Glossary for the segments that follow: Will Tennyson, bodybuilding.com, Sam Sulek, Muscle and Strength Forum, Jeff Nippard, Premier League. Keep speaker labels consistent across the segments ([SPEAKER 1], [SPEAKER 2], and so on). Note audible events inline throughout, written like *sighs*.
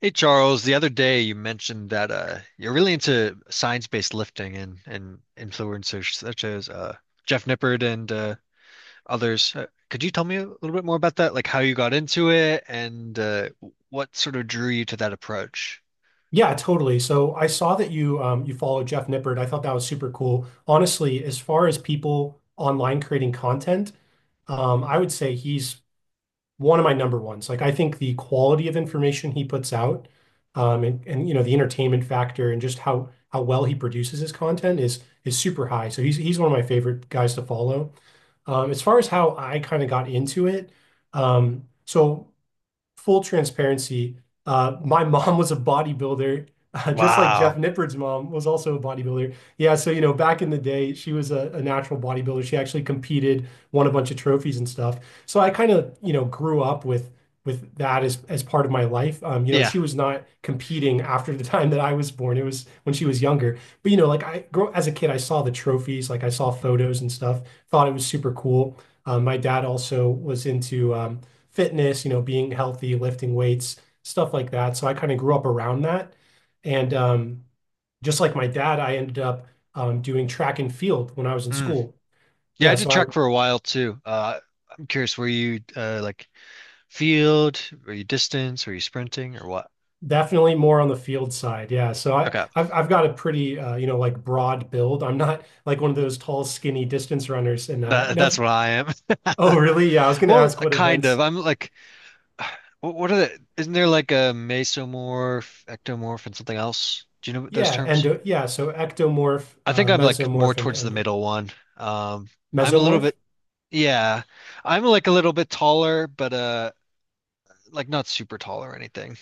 [SPEAKER 1] Hey Charles, the other day you mentioned that you're really into science-based lifting and influencers such as Jeff Nippard and others. Could you tell me a little bit more about that? Like how you got into it and what sort of drew you to that approach?
[SPEAKER 2] Yeah, totally. So I saw that you follow Jeff Nippert. I thought that was super cool. Honestly, as far as people online creating content, I would say he's one of my number ones. Like I think the quality of information he puts out, and you know the entertainment factor and just how well he produces his content is super high. So he's one of my favorite guys to follow. As far as how I kind of got into it, so full transparency, my mom was a bodybuilder, just like Jeff
[SPEAKER 1] Wow.
[SPEAKER 2] Nippard's mom was also a bodybuilder. Yeah, so you know, back in the day, she was a natural bodybuilder. She actually competed, won a bunch of trophies and stuff. So I kind of, you know, grew up with that as part of my life. You know,
[SPEAKER 1] Yeah.
[SPEAKER 2] she was not competing after the *laughs* time that I was born. It was when she was younger. But you know, like I grow as a kid, I saw the trophies, like I saw photos and stuff, thought it was super cool. My dad also was into fitness, you know, being healthy, lifting weights, stuff like that. So I kind of grew up around that. And Just like my dad, I ended up doing track and field when I was in
[SPEAKER 1] Mm.
[SPEAKER 2] school.
[SPEAKER 1] Yeah, I
[SPEAKER 2] Yeah,
[SPEAKER 1] did
[SPEAKER 2] so I
[SPEAKER 1] track for a while too. I'm curious, were you like field? Were you distance? Were you sprinting or what?
[SPEAKER 2] definitely more on the field side. Yeah, so I
[SPEAKER 1] Okay.
[SPEAKER 2] I've I've got a pretty you know like broad build. I'm not like one of those tall, skinny distance runners, and
[SPEAKER 1] That's
[SPEAKER 2] never.
[SPEAKER 1] what I am.
[SPEAKER 2] Oh,
[SPEAKER 1] *laughs*
[SPEAKER 2] really? Yeah, I was going to
[SPEAKER 1] Well,
[SPEAKER 2] ask what
[SPEAKER 1] kind of.
[SPEAKER 2] events.
[SPEAKER 1] I'm like *sighs* What are the, isn't there like a mesomorph, ectomorph, and something else? Do you know those
[SPEAKER 2] Yeah,
[SPEAKER 1] terms?
[SPEAKER 2] endo. Yeah, so ectomorph,
[SPEAKER 1] I think I'm like more
[SPEAKER 2] mesomorph, and
[SPEAKER 1] towards the
[SPEAKER 2] endo
[SPEAKER 1] middle one. Um, I'm a little
[SPEAKER 2] mesomorph.
[SPEAKER 1] bit, yeah, I'm like a little bit taller, but like not super tall or anything.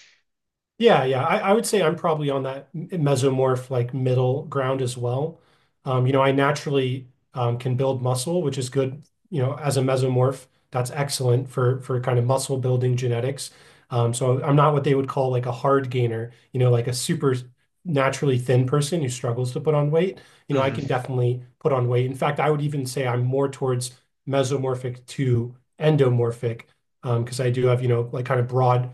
[SPEAKER 2] Yeah, yeah. I would say I'm probably on that mesomorph like middle ground as well. You know, I naturally can build muscle, which is good, you know, as a mesomorph. That's excellent for kind of muscle building genetics. So I'm not what they would call like a hard gainer, you know, like a super naturally thin person who struggles to put on weight. You know, I can
[SPEAKER 1] Hmm.
[SPEAKER 2] definitely put on weight. In fact, I would even say I'm more towards mesomorphic to endomorphic, because I do have, you know, like kind of broad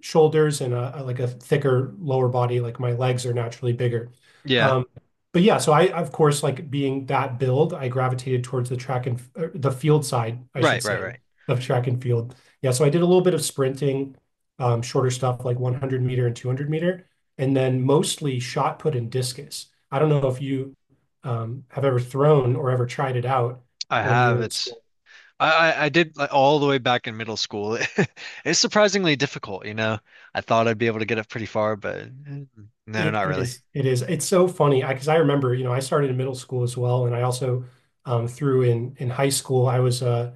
[SPEAKER 2] shoulders and like a thicker lower body. Like my legs are naturally bigger.
[SPEAKER 1] Yeah,
[SPEAKER 2] Um, but yeah, so I of course like being that build, I gravitated towards the the field side, I should
[SPEAKER 1] right, right,
[SPEAKER 2] say,
[SPEAKER 1] right.
[SPEAKER 2] of track and field. Yeah, so I did a little bit of sprinting, shorter stuff like 100 meter and 200 meter, and then mostly shot put and discus. I don't know if you have ever thrown or ever tried it out
[SPEAKER 1] I
[SPEAKER 2] when you
[SPEAKER 1] have.
[SPEAKER 2] were in
[SPEAKER 1] It's
[SPEAKER 2] school.
[SPEAKER 1] I did like all the way back in middle school. *laughs* It's surprisingly difficult, you know. I thought I'd be able to get up pretty far, but mm, no, not
[SPEAKER 2] It
[SPEAKER 1] really.
[SPEAKER 2] is. It is. It's so funny because I remember, you know, I started in middle school as well, and I also through in high school. I was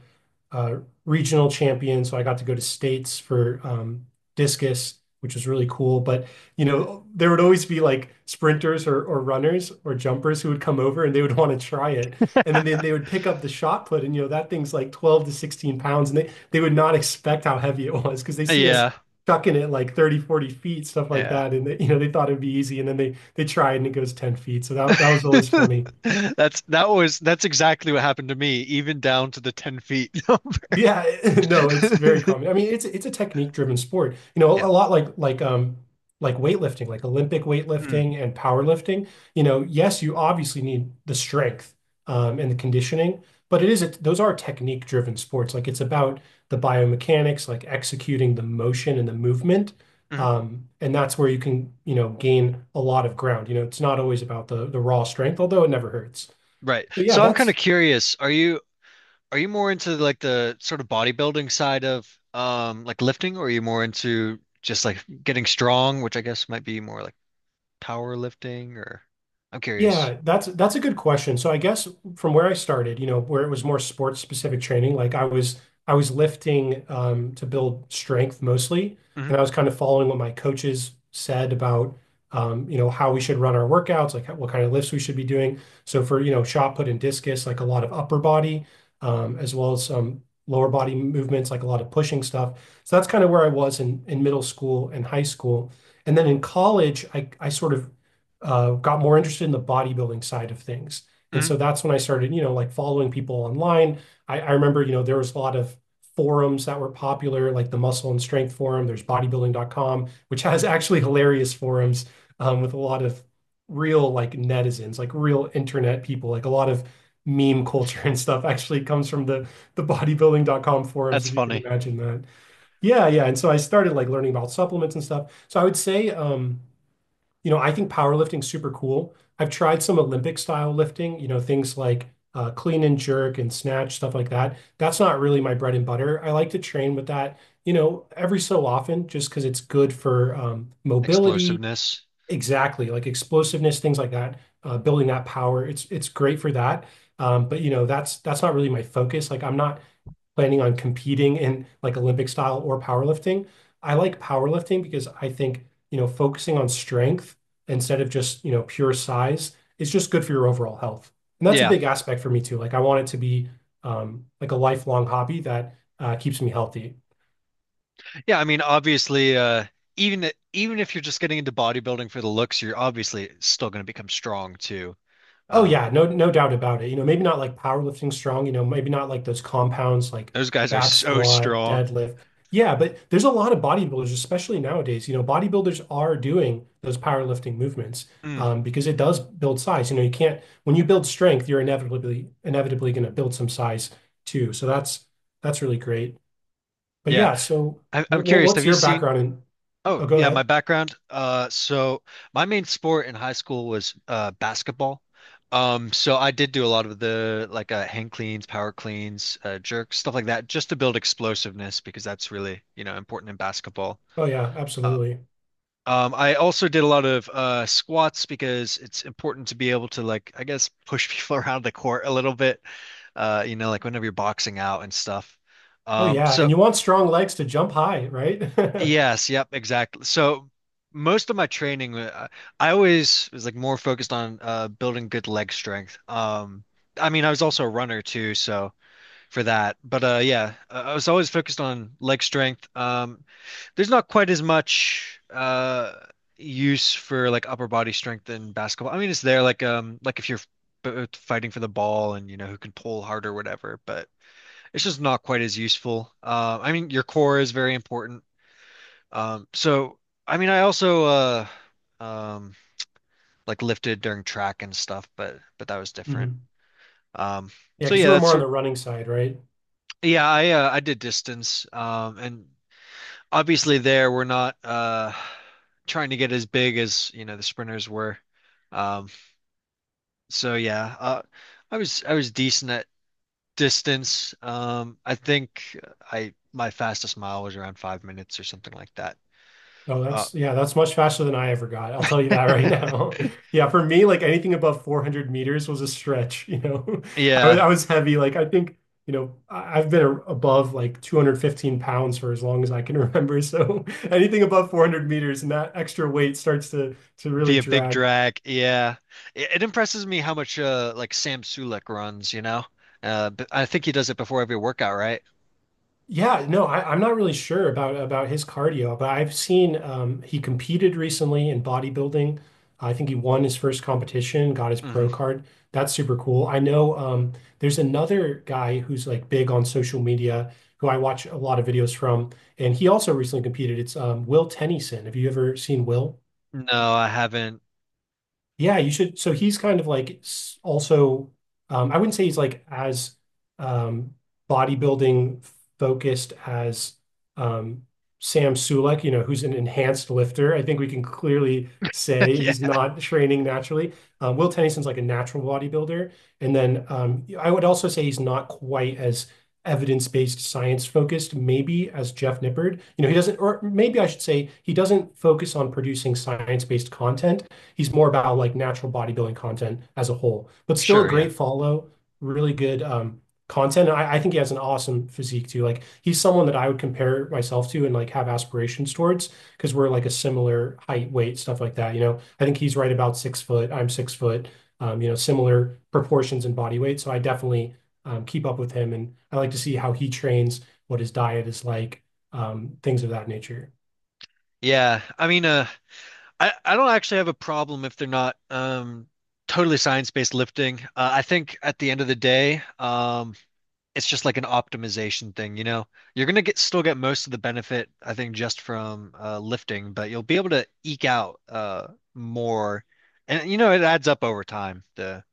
[SPEAKER 2] uh, regional champion, so I got to go to states for discus, which was really cool. But you know, there would always be like sprinters or runners or jumpers who would come over and they would *laughs* want to try it. And then they,
[SPEAKER 1] *laughs*
[SPEAKER 2] they would pick up the shot put and you know that thing's like 12 to 16 pounds and they would not *laughs* expect how heavy it was because they see us
[SPEAKER 1] Yeah,
[SPEAKER 2] chucking it like 30, 40 feet, stuff like
[SPEAKER 1] yeah.
[SPEAKER 2] that. And they, you know, they thought it'd be easy and then they try it and it goes 10 feet. So that was always funny.
[SPEAKER 1] *laughs* That's that was that's exactly what happened to me, even down to the 10 feet.
[SPEAKER 2] Yeah, *laughs* no, it's very common.
[SPEAKER 1] *laughs*
[SPEAKER 2] I mean, it's a technique driven sport. You know,
[SPEAKER 1] Yeah.
[SPEAKER 2] a lot like weightlifting, like Olympic
[SPEAKER 1] Mm.
[SPEAKER 2] weightlifting and powerlifting. You know, yes, you obviously need the strength and the conditioning, but it is a, those are technique driven sports. Like it's about the biomechanics, like executing the motion and the movement.
[SPEAKER 1] Mhm.
[SPEAKER 2] And that's where you can, you know, gain a lot of ground. You know, it's not always about the raw strength, although it never hurts.
[SPEAKER 1] Right.
[SPEAKER 2] So yeah,
[SPEAKER 1] So I'm kind of
[SPEAKER 2] that's
[SPEAKER 1] curious, are you more into like the sort of bodybuilding side of like lifting, or are you more into just like getting strong, which I guess might be more like power lifting or I'm curious.
[SPEAKER 2] Yeah, that's a good question. So I guess from where I started, you know, where it was more sports specific training, like I was lifting to build strength mostly,
[SPEAKER 1] Hmm.
[SPEAKER 2] and I was kind of following what my coaches said about you know how we should run our workouts, like what kind of lifts we should be doing. So for you know shot put and discus, like a lot of upper body, as well as some lower body movements, like a lot of pushing stuff. So that's kind of where I was in middle school and high school. And then in college, I sort of got more interested in the bodybuilding side of things. And
[SPEAKER 1] Hmm.
[SPEAKER 2] so that's when I started, you know, like following people online. I remember, you know, there was a lot of forums that were popular, like the Muscle and Strength Forum. There's bodybuilding.com, which has *laughs* actually hilarious forums with a lot of real like netizens, like real internet people, like a lot of meme culture *laughs* and stuff actually comes from the bodybuilding.com forums,
[SPEAKER 1] That's
[SPEAKER 2] if you can
[SPEAKER 1] funny.
[SPEAKER 2] imagine that. Yeah, yeah. And so I started like learning about supplements and stuff. So I would say you know, I think powerlifting's super cool. I've tried some Olympic style lifting, you know, things like clean and jerk and snatch, stuff like that. That's not really my bread and butter. I like to train with that, you know, every so often just because it's good for mobility,
[SPEAKER 1] Explosiveness.
[SPEAKER 2] exactly, like explosiveness, things like that, building that power. It's great for that. But you know, that's not really my focus. Like I'm not planning on competing in like Olympic style or powerlifting. I like powerlifting because I think, you know, focusing on strength instead of just, you know, pure size is just good for your overall health. And that's a
[SPEAKER 1] Yeah.
[SPEAKER 2] big aspect for me too. Like I want it to be like a lifelong hobby that keeps me healthy.
[SPEAKER 1] Yeah, I mean, obviously, even if you're just getting into bodybuilding for the looks, you're obviously still going to become strong too.
[SPEAKER 2] Oh
[SPEAKER 1] Um,
[SPEAKER 2] yeah, no doubt about it. You know, maybe not like powerlifting strong, you know, maybe not like those compounds like
[SPEAKER 1] those guys are
[SPEAKER 2] back
[SPEAKER 1] so
[SPEAKER 2] squat,
[SPEAKER 1] strong.
[SPEAKER 2] deadlift. Yeah, but there's a lot of bodybuilders, especially nowadays. You know, bodybuilders are doing those powerlifting movements
[SPEAKER 1] Mm,
[SPEAKER 2] because it does build size. You know, you can't when you build strength, you're inevitably going to build some size too. So that's really great. But
[SPEAKER 1] yeah,
[SPEAKER 2] yeah, so
[SPEAKER 1] I'm
[SPEAKER 2] what, what
[SPEAKER 1] curious.
[SPEAKER 2] what's
[SPEAKER 1] Have you
[SPEAKER 2] your
[SPEAKER 1] seen?
[SPEAKER 2] background in?
[SPEAKER 1] Oh,
[SPEAKER 2] Oh, go
[SPEAKER 1] yeah, my
[SPEAKER 2] ahead.
[SPEAKER 1] background. So my main sport in high school was basketball. So I did do a lot of the like hang cleans, power cleans, jerks, stuff like that, just to build explosiveness because that's really, you know, important in basketball.
[SPEAKER 2] Oh yeah,
[SPEAKER 1] Uh,
[SPEAKER 2] absolutely.
[SPEAKER 1] I also did a lot of squats because it's important to be able to like, I guess, push people *laughs* around the court a little bit. You know, like whenever you're boxing out and stuff.
[SPEAKER 2] Oh
[SPEAKER 1] Um,
[SPEAKER 2] yeah, and
[SPEAKER 1] so
[SPEAKER 2] you want strong legs to jump high, right? *laughs*
[SPEAKER 1] yes, yep, exactly. So most of my training, I always was like more focused on building good leg strength. I mean, I was also a runner too, so for that. But yeah, I was always focused on leg strength. There's not quite as much use for like upper body strength in basketball. I mean, it's there like if you're fighting for the ball and you know who can pull harder or whatever, but it's just not quite as useful. I mean, your core is very important. So I mean, I also um like lifted during track and stuff, but that was different.
[SPEAKER 2] Mhm.
[SPEAKER 1] Um,
[SPEAKER 2] Yeah,
[SPEAKER 1] so
[SPEAKER 2] because
[SPEAKER 1] yeah,
[SPEAKER 2] you were
[SPEAKER 1] that's
[SPEAKER 2] more on the
[SPEAKER 1] sort
[SPEAKER 2] running side, right?
[SPEAKER 1] yeah, I did distance, and obviously there we're not trying to get as big as you know the sprinters were, um so yeah, I was decent at distance. I think I my fastest mile was around 5 minutes or something like that.
[SPEAKER 2] No,
[SPEAKER 1] uh
[SPEAKER 2] that's yeah, that's much faster than I ever got. I'll tell you that right now. *laughs*
[SPEAKER 1] *laughs*
[SPEAKER 2] Yeah, for me, like anything above 400 meters was a stretch, you know. *laughs* I was I
[SPEAKER 1] yeah,
[SPEAKER 2] was heavy. Like I think, you know, I've been above like 215 pounds for as long as I can remember. *laughs* So anything above 400 meters and that extra weight starts to really
[SPEAKER 1] be a big
[SPEAKER 2] drag.
[SPEAKER 1] drag. Yeah, it impresses me how much like Sam Sulek runs, you know. But I think he does it before every workout, right?
[SPEAKER 2] Yeah, no, I'm not really sure about his cardio, but I've seen he competed recently in bodybuilding. I think he won his first competition, got his pro
[SPEAKER 1] Hmm.
[SPEAKER 2] card. That's super cool. I know there's another guy who's like big on social media who I watch a lot of videos from, and he also recently competed. It's Will Tennyson. Have you ever seen Will?
[SPEAKER 1] No, I haven't.
[SPEAKER 2] Yeah, you should. So he's kind of like also, I wouldn't say he's like as um, bodybuilding focused as um, Sam Sulek, you know, who's an enhanced lifter. I think we can clearly
[SPEAKER 1] *laughs*
[SPEAKER 2] say
[SPEAKER 1] Yeah.
[SPEAKER 2] he's not *laughs* training naturally. Will Tennison's like a natural bodybuilder. And then I would also say he's not quite as evidence-based, science-focused, maybe as Jeff Nippard. You know, he doesn't, or maybe I should say he doesn't focus on producing science-based content. He's more about like natural bodybuilding content as a whole, but still a
[SPEAKER 1] Sure, yeah.
[SPEAKER 2] great follow, really good content. And I think he has an awesome physique too. Like he's someone that I would compare myself to and like have aspirations towards because we're like a similar height, weight, stuff like that. You know, I think he's right about 6 foot. I'm 6 foot. You know, similar proportions and body weight. So I definitely keep up with him, and I like to see how he trains, what his diet is like, things of that nature.
[SPEAKER 1] Yeah, I mean, I don't actually have a problem if they're not totally science-based lifting. I think at the end of the day, it's just like an optimization thing, you know. You're gonna get still get most of the benefit, I think, just from lifting, but you'll be able to eke out more, and you know it adds up over time,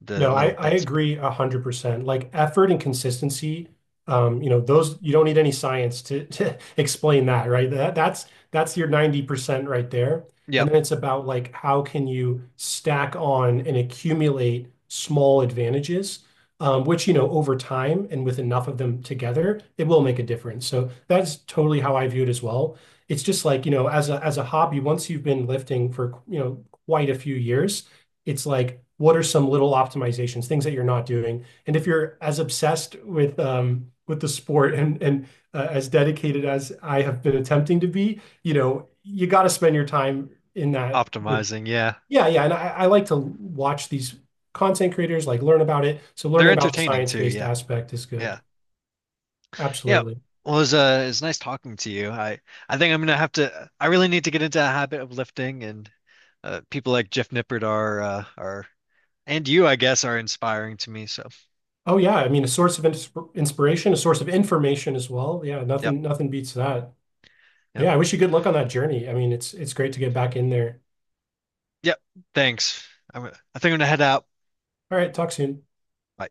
[SPEAKER 1] the
[SPEAKER 2] No, I,
[SPEAKER 1] little
[SPEAKER 2] I
[SPEAKER 1] bits. But,
[SPEAKER 2] agree 100%. Like effort and consistency, you know, those you don't need any science to *laughs* explain that, right? That's your 90% right there. And
[SPEAKER 1] yep,
[SPEAKER 2] then it's about like how can you stack on and accumulate small advantages, which, you know, over time and with enough of them together, it will make a difference. So that's totally how I view it as well. It's just like, you know, as a hobby, once you've been lifting for, you know, quite a few years it's like, what are some little optimizations, things that you're not doing? And if you're as obsessed with the sport *laughs* and as dedicated as I have been attempting to be, you know, you got to spend your time in that with,
[SPEAKER 1] optimizing. Yeah,
[SPEAKER 2] yeah, yeah. And I like to watch these content creators, like learn about it. So
[SPEAKER 1] they're
[SPEAKER 2] learning about the
[SPEAKER 1] entertaining too.
[SPEAKER 2] science-based
[SPEAKER 1] Yeah,
[SPEAKER 2] aspect is good.
[SPEAKER 1] yeah. Yeah.
[SPEAKER 2] Absolutely.
[SPEAKER 1] Well, it was, it nice talking to you. I think I'm gonna have to. I really need to get into a habit of lifting, and people like Jeff Nippert are, and you, I guess, are inspiring to me. So,
[SPEAKER 2] Oh yeah, I mean a source of inspiration, a source of information as well. Yeah,
[SPEAKER 1] yep,
[SPEAKER 2] nothing beats that. But
[SPEAKER 1] yep,
[SPEAKER 2] yeah, I wish you good luck on that journey. I mean, it's great to get back in there.
[SPEAKER 1] yep. Thanks. I think I'm gonna head out.
[SPEAKER 2] All right, talk soon.
[SPEAKER 1] Bye.